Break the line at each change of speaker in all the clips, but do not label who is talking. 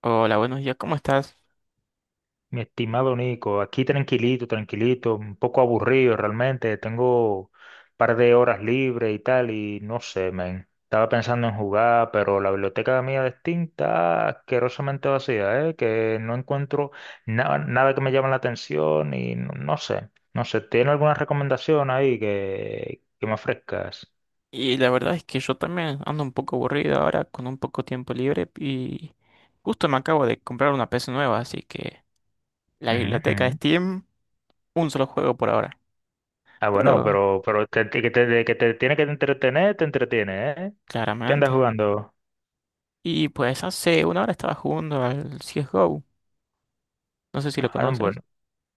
Hola, buenos días, ¿cómo estás?
Mi estimado Nico, aquí tranquilito, tranquilito, un poco aburrido realmente, tengo un par de horas libres y tal, y no sé, men. Estaba pensando en jugar, pero la biblioteca mía de Steam está asquerosamente vacía, ¿eh? Que no encuentro nada que me llame la atención y no, no sé, ¿tiene alguna recomendación ahí que me ofrezcas?
Y la verdad es que yo también ando un poco aburrido ahora con un poco tiempo libre y justo me acabo de comprar una PC nueva, así que la
Ujú,
biblioteca de
ujú.
Steam, un solo juego por ahora,
Ah, bueno,
pero
pero que te tiene que entretener, te entretiene, ¿eh? ¿Qué andas
claramente.
jugando?
Y pues hace una hora estaba jugando al CSGO, no sé si lo
Ah,
conoces.
bueno.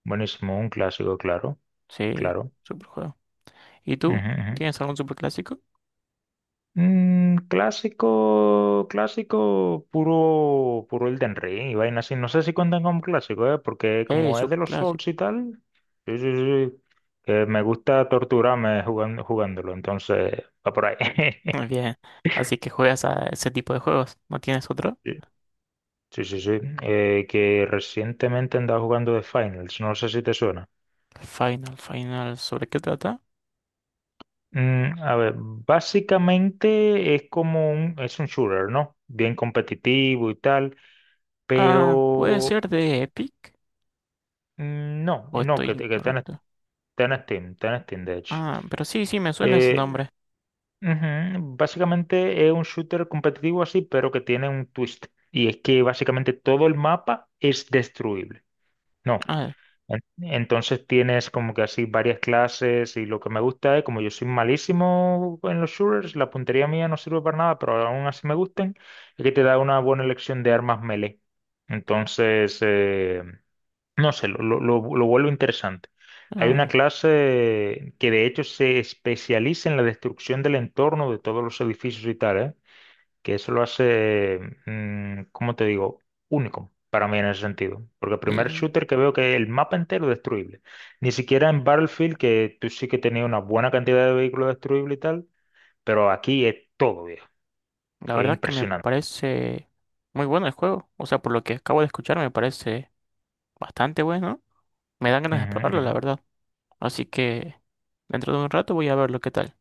Buenísimo, un clásico, claro,
Sí,
claro.
super juego. ¿Y
Ujú,
tú?
ujú.
¿Tienes algún super clásico?
Mm, clásico, clásico, puro, puro Elden Ring y vaina así. No sé si cuentan como clásico, ¿eh? Porque como es de
Super
los Souls
clásico.
y tal, sí, sí, sí, sí, que me gusta torturarme jugando, jugándolo, entonces va por ahí.
Muy bien, así que juegas a ese tipo de juegos, ¿no tienes otro?
Sí, sí, sí. Sí. Que recientemente andaba jugando The Finals, no sé si te suena.
Final, ¿sobre qué trata?
Mm, a ver, básicamente es como es un shooter, ¿no? Bien competitivo y tal.
Ah, puede
Però
ser de Epic
mm, no,
o
no,
estoy
que, te- que
incorrecto.
Está en Steam, de hecho.
Ah, pero sí, sí, me suena ese
Eh,
nombre.
ujú. Básicamente es un shooter competitivo así, pero que tiene un twist. Y es que básicamente todo el mapa es destruible. No.
Ah,
en- Entonces tienes como que así varias clases y lo que me gusta es, como yo soy malísimo en los shooters, la puntería mía no sirve para nada, pero aún así me gustan, es que te da una buena elección de armas melee. Entonces, no sé, lo vuelvo interesante. Hay una
ah,
clase que de hecho se especializa en la destrucción del entorno de todos los edificios y tal, ¿eh? Que eso lo hace, ¿cómo te digo? Único para mí en ese sentido. Porque el primer
l-
shooter que veo que el mapa entero es destruible. Ni siquiera en Battlefield, que tú sí que tenías una buena cantidad de vehículos destruibles y tal, pero aquí es todo, viejo,
la
que es
verdad que me
impresionante.
parece muy bueno el juego. O sea, por lo que acabo de escuchar, me parece bastante bueno. Me dan ganas de
Ujú,
probarlo, la
ujú.
verdad. Así que dentro de un rato voy a ver lo que tal.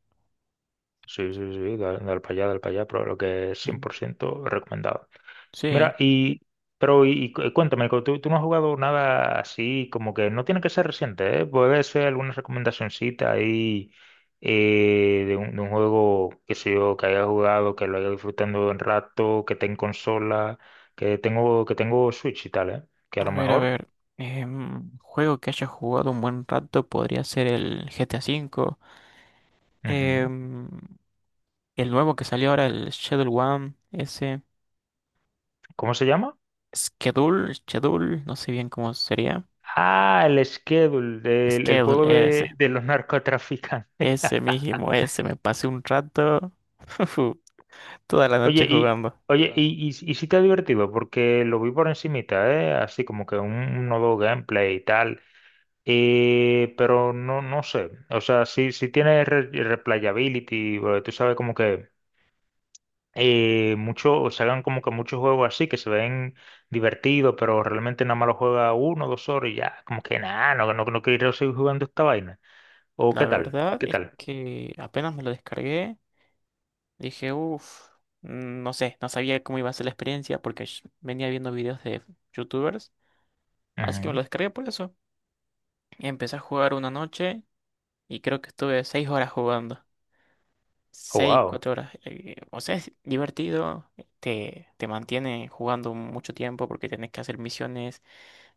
Sí, sí, sí, dale para allá, pero lo que es cien
Em,
por ciento recomendado.
Sí,
Mira, y cuéntame, ¿tú, tú no has jugado nada así, como que no tiene que ser reciente, ¿eh? Puede ser alguna recomendacioncita ahí de un juego, que sé yo, que haya jugado, que lo haya disfrutando un rato, que esté en consola, que tengo Switch y tal, ¿eh? Que a
a
lo
ver, a
mejor.
ver. Juego que haya jugado un buen rato podría ser el GTA 5.
Ujú.
em, el nuevo que salió ahora, el Shadow One, ese.
¿Cómo se llama?
Schedule, no sé bien cómo sería.
Ah, el Schedule, el
Schedule,
juego
ese.
de los narcotraficantes.
Ese mismo, ese. Me pasé un rato, toda la
Oye,
noche
y,
jugando.
oye, claro. Y sí te ha divertido, porque lo vi por encimita, ¿eh? Así como que un nuevo gameplay y tal. Pero no, no sé. O sea, sí, sí tiene replayability, tú sabes como que mucho, o se hagan como que muchos juegos así que se ven divertidos, pero realmente nada más lo juega uno, o dos horas y ya, como que nada, no, no quiero seguir jugando esta vaina. ¿O
La
qué tal?
verdad
¿Qué
es
tal?
que apenas me lo descargué, dije, uff, no sé, no sabía cómo iba a ser la experiencia porque venía viendo videos de youtubers. Así que me
Ujú.
lo descargué por eso. Empecé a jugar una noche y creo que estuve 6 horas jugando.
Oh,
Seis,
wow.
cuatro horas. O sea, es divertido, te mantiene jugando mucho tiempo porque tenés que hacer misiones,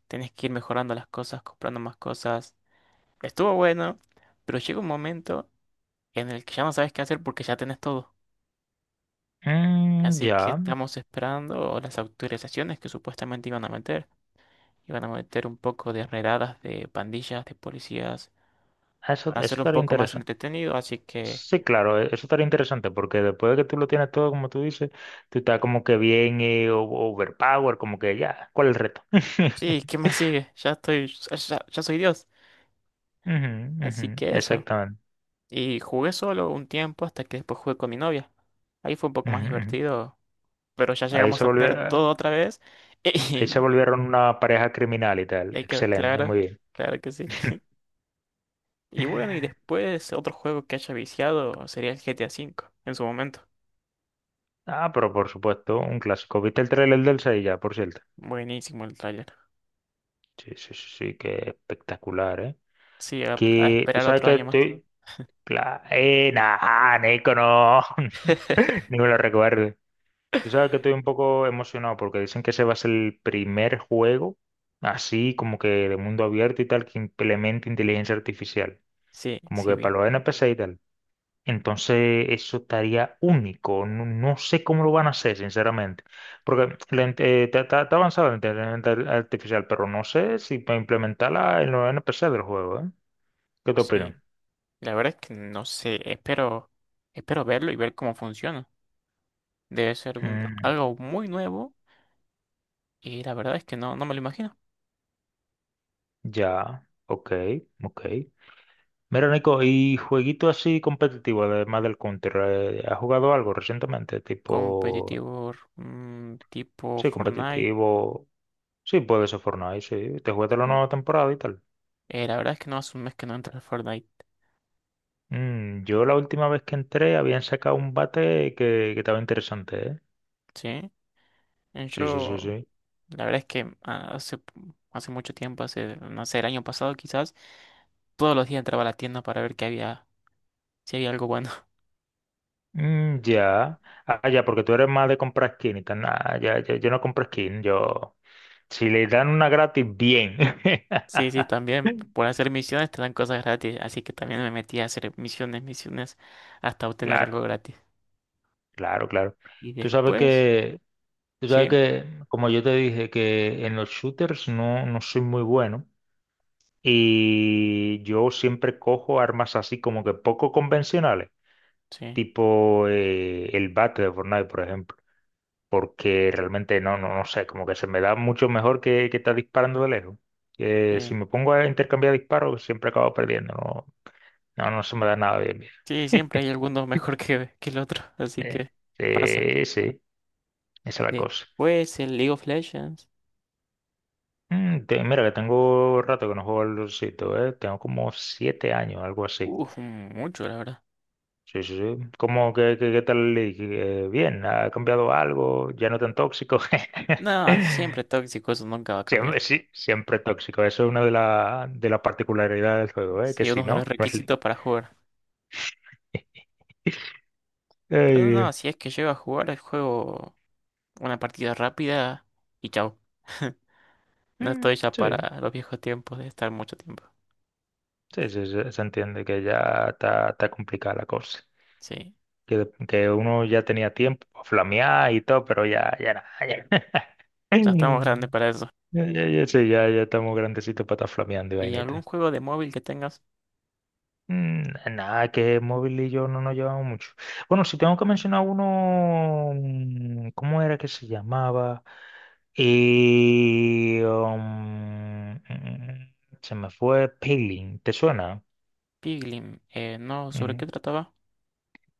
tenés que ir mejorando las cosas, comprando más cosas. Estuvo bueno, pero llega un momento en el que ya no sabes qué hacer porque ya tenés todo.
Mm,
Así que
ya,
estamos esperando las autorizaciones que supuestamente iban a meter. Iban a meter un poco de redadas de pandillas, de policías,
eso
para hacerlo un
estaría
poco más
interesante.
entretenido. Así que,
Sí, claro, eso estaría interesante porque después de que tú lo tienes todo, como tú dices, tú estás como que bien overpower, como que ya, ¿cuál es el reto?
sí, ¿qué más sigue? Ya estoy, ya soy Dios.
Ujú, ujú,
Así que eso.
exactamente.
Y jugué solo un tiempo hasta que después jugué con mi novia. Ahí fue un poco más
Ujú, ujú.
divertido, pero ya
Ahí
llegamos
se
a
volvió,
tener todo otra vez.
ahí se
Y,
volvieron una pareja criminal y
y
tal.
hay que,
Excelente,
claro,
muy bien.
claro que sí. Y bueno, y después otro juego que haya viciado sería el GTA 5 en su momento.
Ah, pero por supuesto, un clásico. ¿Viste el trailer del 6 ya, por cierto?
Buenísimo el tráiler.
Sí, sí, sí, sí, que espectacular, ¿eh?
Sí, a
Que tú
esperar
sabes
otro
que
año más.
estoy... nah, Nico, no. Ni me lo recuerdo. Tú sabes que estoy un poco emocionado porque dicen que ese va a ser el primer juego, así como que de mundo abierto y tal, que implemente inteligencia artificial,
Sí,
como
sí
que para
vi.
los NPC y tal. Entonces, eso estaría único. No, no sé cómo lo van a hacer, sinceramente. Porque está está avanzada la inteligencia artificial, pero no sé si para implementarla en los NPC del juego, ¿eh? ¿Qué te
Sí.
opinas?
La verdad es que no sé, espero verlo y ver cómo funciona. Debe ser
Mm,
algo muy nuevo y la verdad es que no me lo imagino.
ya, ok, ok. Mira, Nico, y jueguito así competitivo, además del Counter, ¿has jugado algo recientemente? Tipo,
Competitivo, tipo
sí,
Fortnite.
competitivo. Sí, puede ser Fortnite, sí. Te jugaste la
Sí.
nueva temporada y tal.
La verdad es que no hace un mes que no entro al Fortnite,
Mm, yo la última vez que entré habían sacado un bate que estaba interesante, ¿eh?
¿sí?
Sí, sí, sí,
Yo,
sí.
la verdad es que hace mucho tiempo, hace, no sé, el año pasado quizás, todos los días entraba a la tienda para ver qué había, si había algo bueno.
Mm, ya. Ah, ya, porque tú eres más de comprar skin y tal. Nah, ya, ya, yo no compro skin, yo. Si le dan una gratis, bien.
Sí, sí, también. Por hacer misiones te dan cosas gratis, así que también me metí a hacer misiones, misiones, hasta obtener algo
Claro,
gratis.
claro, claro.
Y
Tú sabes
después,
que Tú sabes
sí,
que, como yo te dije, que en los shooters no, no soy muy bueno y yo siempre cojo armas así como que poco convencionales,
sí,
tipo el bate de Fortnite, por ejemplo, porque realmente no, no sé, como que se me da mucho mejor que estar disparando de lejos.
sí.
Si me pongo a intercambiar disparos, siempre acabo perdiendo, no, no se me da nada bien
Sí, siempre hay alguno mejor que el otro, así
bien.
que pasa.
Sí, sí, esa es la cosa.
Después el League of Legends.
Mm, mira, que tengo rato que no juego al LOLcito, ¿eh? Tengo como 7 años, algo así.
Uf, mucho, la verdad.
Sí, sí, sí. ¿Cómo qué tal el league? Bien, ¿ha cambiado algo? ¿Ya no tan tóxico?
Nada, siempre tóxico, eso nunca va a
Siempre,
cambiar.
sí, siempre tóxico. Eso es una de las particularidades del juego, ¿eh? Que
Sí,
si
uno de
no,
los
no es league.
requisitos para jugar.
Ay,
Pero no,
Dios.
si es que llego a jugar el juego una partida rápida y chao. No estoy
Mm,
ya
sí,
para los viejos tiempos de estar mucho tiempo.
sí, sí, sí, se entiende que ya está, está complicada la cosa.
Sí,
Que uno ya tenía tiempo para flamear y todo, pero ya, ya nada, ya.
ya estamos grandes para eso.
Ya, ya, ya, sí, ya, ya estamos grandecitos para estar flameando y
¿Y algún
vainita.
juego de móvil que tengas?
Mm, nada, que móvil y yo no nos llevamos mucho. Bueno, si tengo que mencionar uno, mm, ¿cómo era que se llamaba? Y se me fue Paylin, ¿te suena?
Piglin, no, ¿sobre
Ujú.
qué trataba?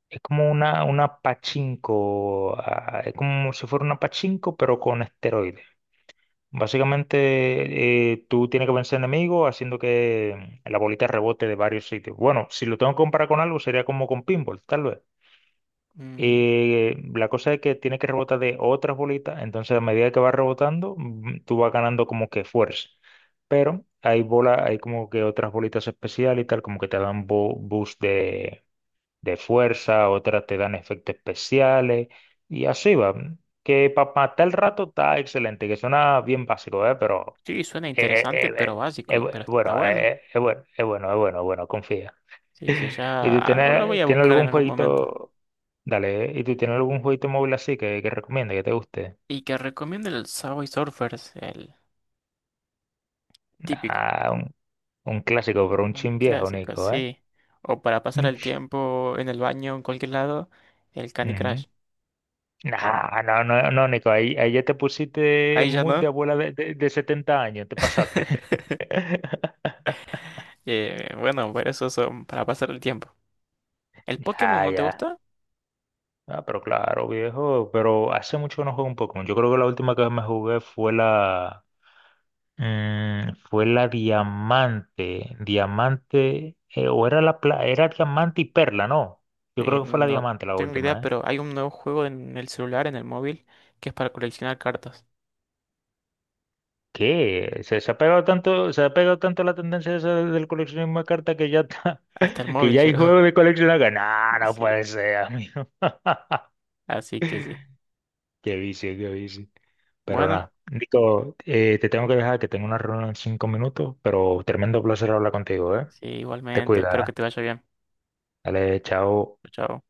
Es como una pachinko, ah, es como si fuera una pachinko, pero con esteroides. Básicamente, tú tienes que vencer enemigos haciendo que la bolita rebote de varios sitios. Bueno, si lo tengo que comparar con algo, sería como con pinball, tal vez.
Mm,
La cosa es que tiene que rebotar de otras bolitas, entonces a medida que va rebotando, mm, tú vas ganando como que fuerza. Pero hay bolas, hay como que otras bolitas especiales y tal, como que te dan boost de fuerza, otras te dan efectos especiales y así va. Que para matar el rato está excelente, que suena bien básico, ¿eh? Pero
sí, suena interesante, pero básico, pero está
bueno,
bueno.
es bueno, es bueno, es bueno, es bueno, confía.
Sí, sí,
¿Y
ya lo voy a
tienes
buscar en
algún
algún momento.
jueguito? Dale, ¿y tú tienes algún jueguito móvil así que recomiendas, que te guste?
Y que recomiendo el Subway Surfers, el típico,
Ah, un clásico, pero un
un
chin viejo,
clásico,
Nico, ¿eh?
sí. O para pasar
Mm.
el tiempo en el baño, en cualquier lado, el Candy
Ujú.
Crush.
Nah, no, no, no, Nico, ahí ya te pusiste en
Ahí ya
mood de
no.
abuela de 70 años, te pasaste.
Bueno, pero esos son para pasar el tiempo. ¿El Pokémon
Ya,
no te
ya.
gusta?
Ah, pero claro, viejo, pero hace mucho que no juego un Pokémon. Yo creo que la última que me jugué fue la, mm, fue la diamante, diamante, o era era diamante y perla, ¿no? Yo creo que fue la
No
diamante la
tengo idea,
última, ¿eh?
pero hay un nuevo juego en el celular, en el móvil, que es para coleccionar cartas.
¿Qué? Se ha pegado tanto, se ha pegado tanto la tendencia esa del coleccionismo de cartas que ya está,
Hasta el
que
móvil
ya hay
llegó.
juegos de coleccionar que no, no
Sí.
puede ser, amigo.
Así que sí.
Qué vicio, qué vicio. Pero
Bueno,
nada, Nico, te tengo que dejar que tengo una reunión en 5 minutos, pero tremendo placer hablar contigo, ¿eh?
sí,
Te
igualmente. Espero
cuida,
que te
¿eh?
vaya bien.
Dale, chao.
Chao.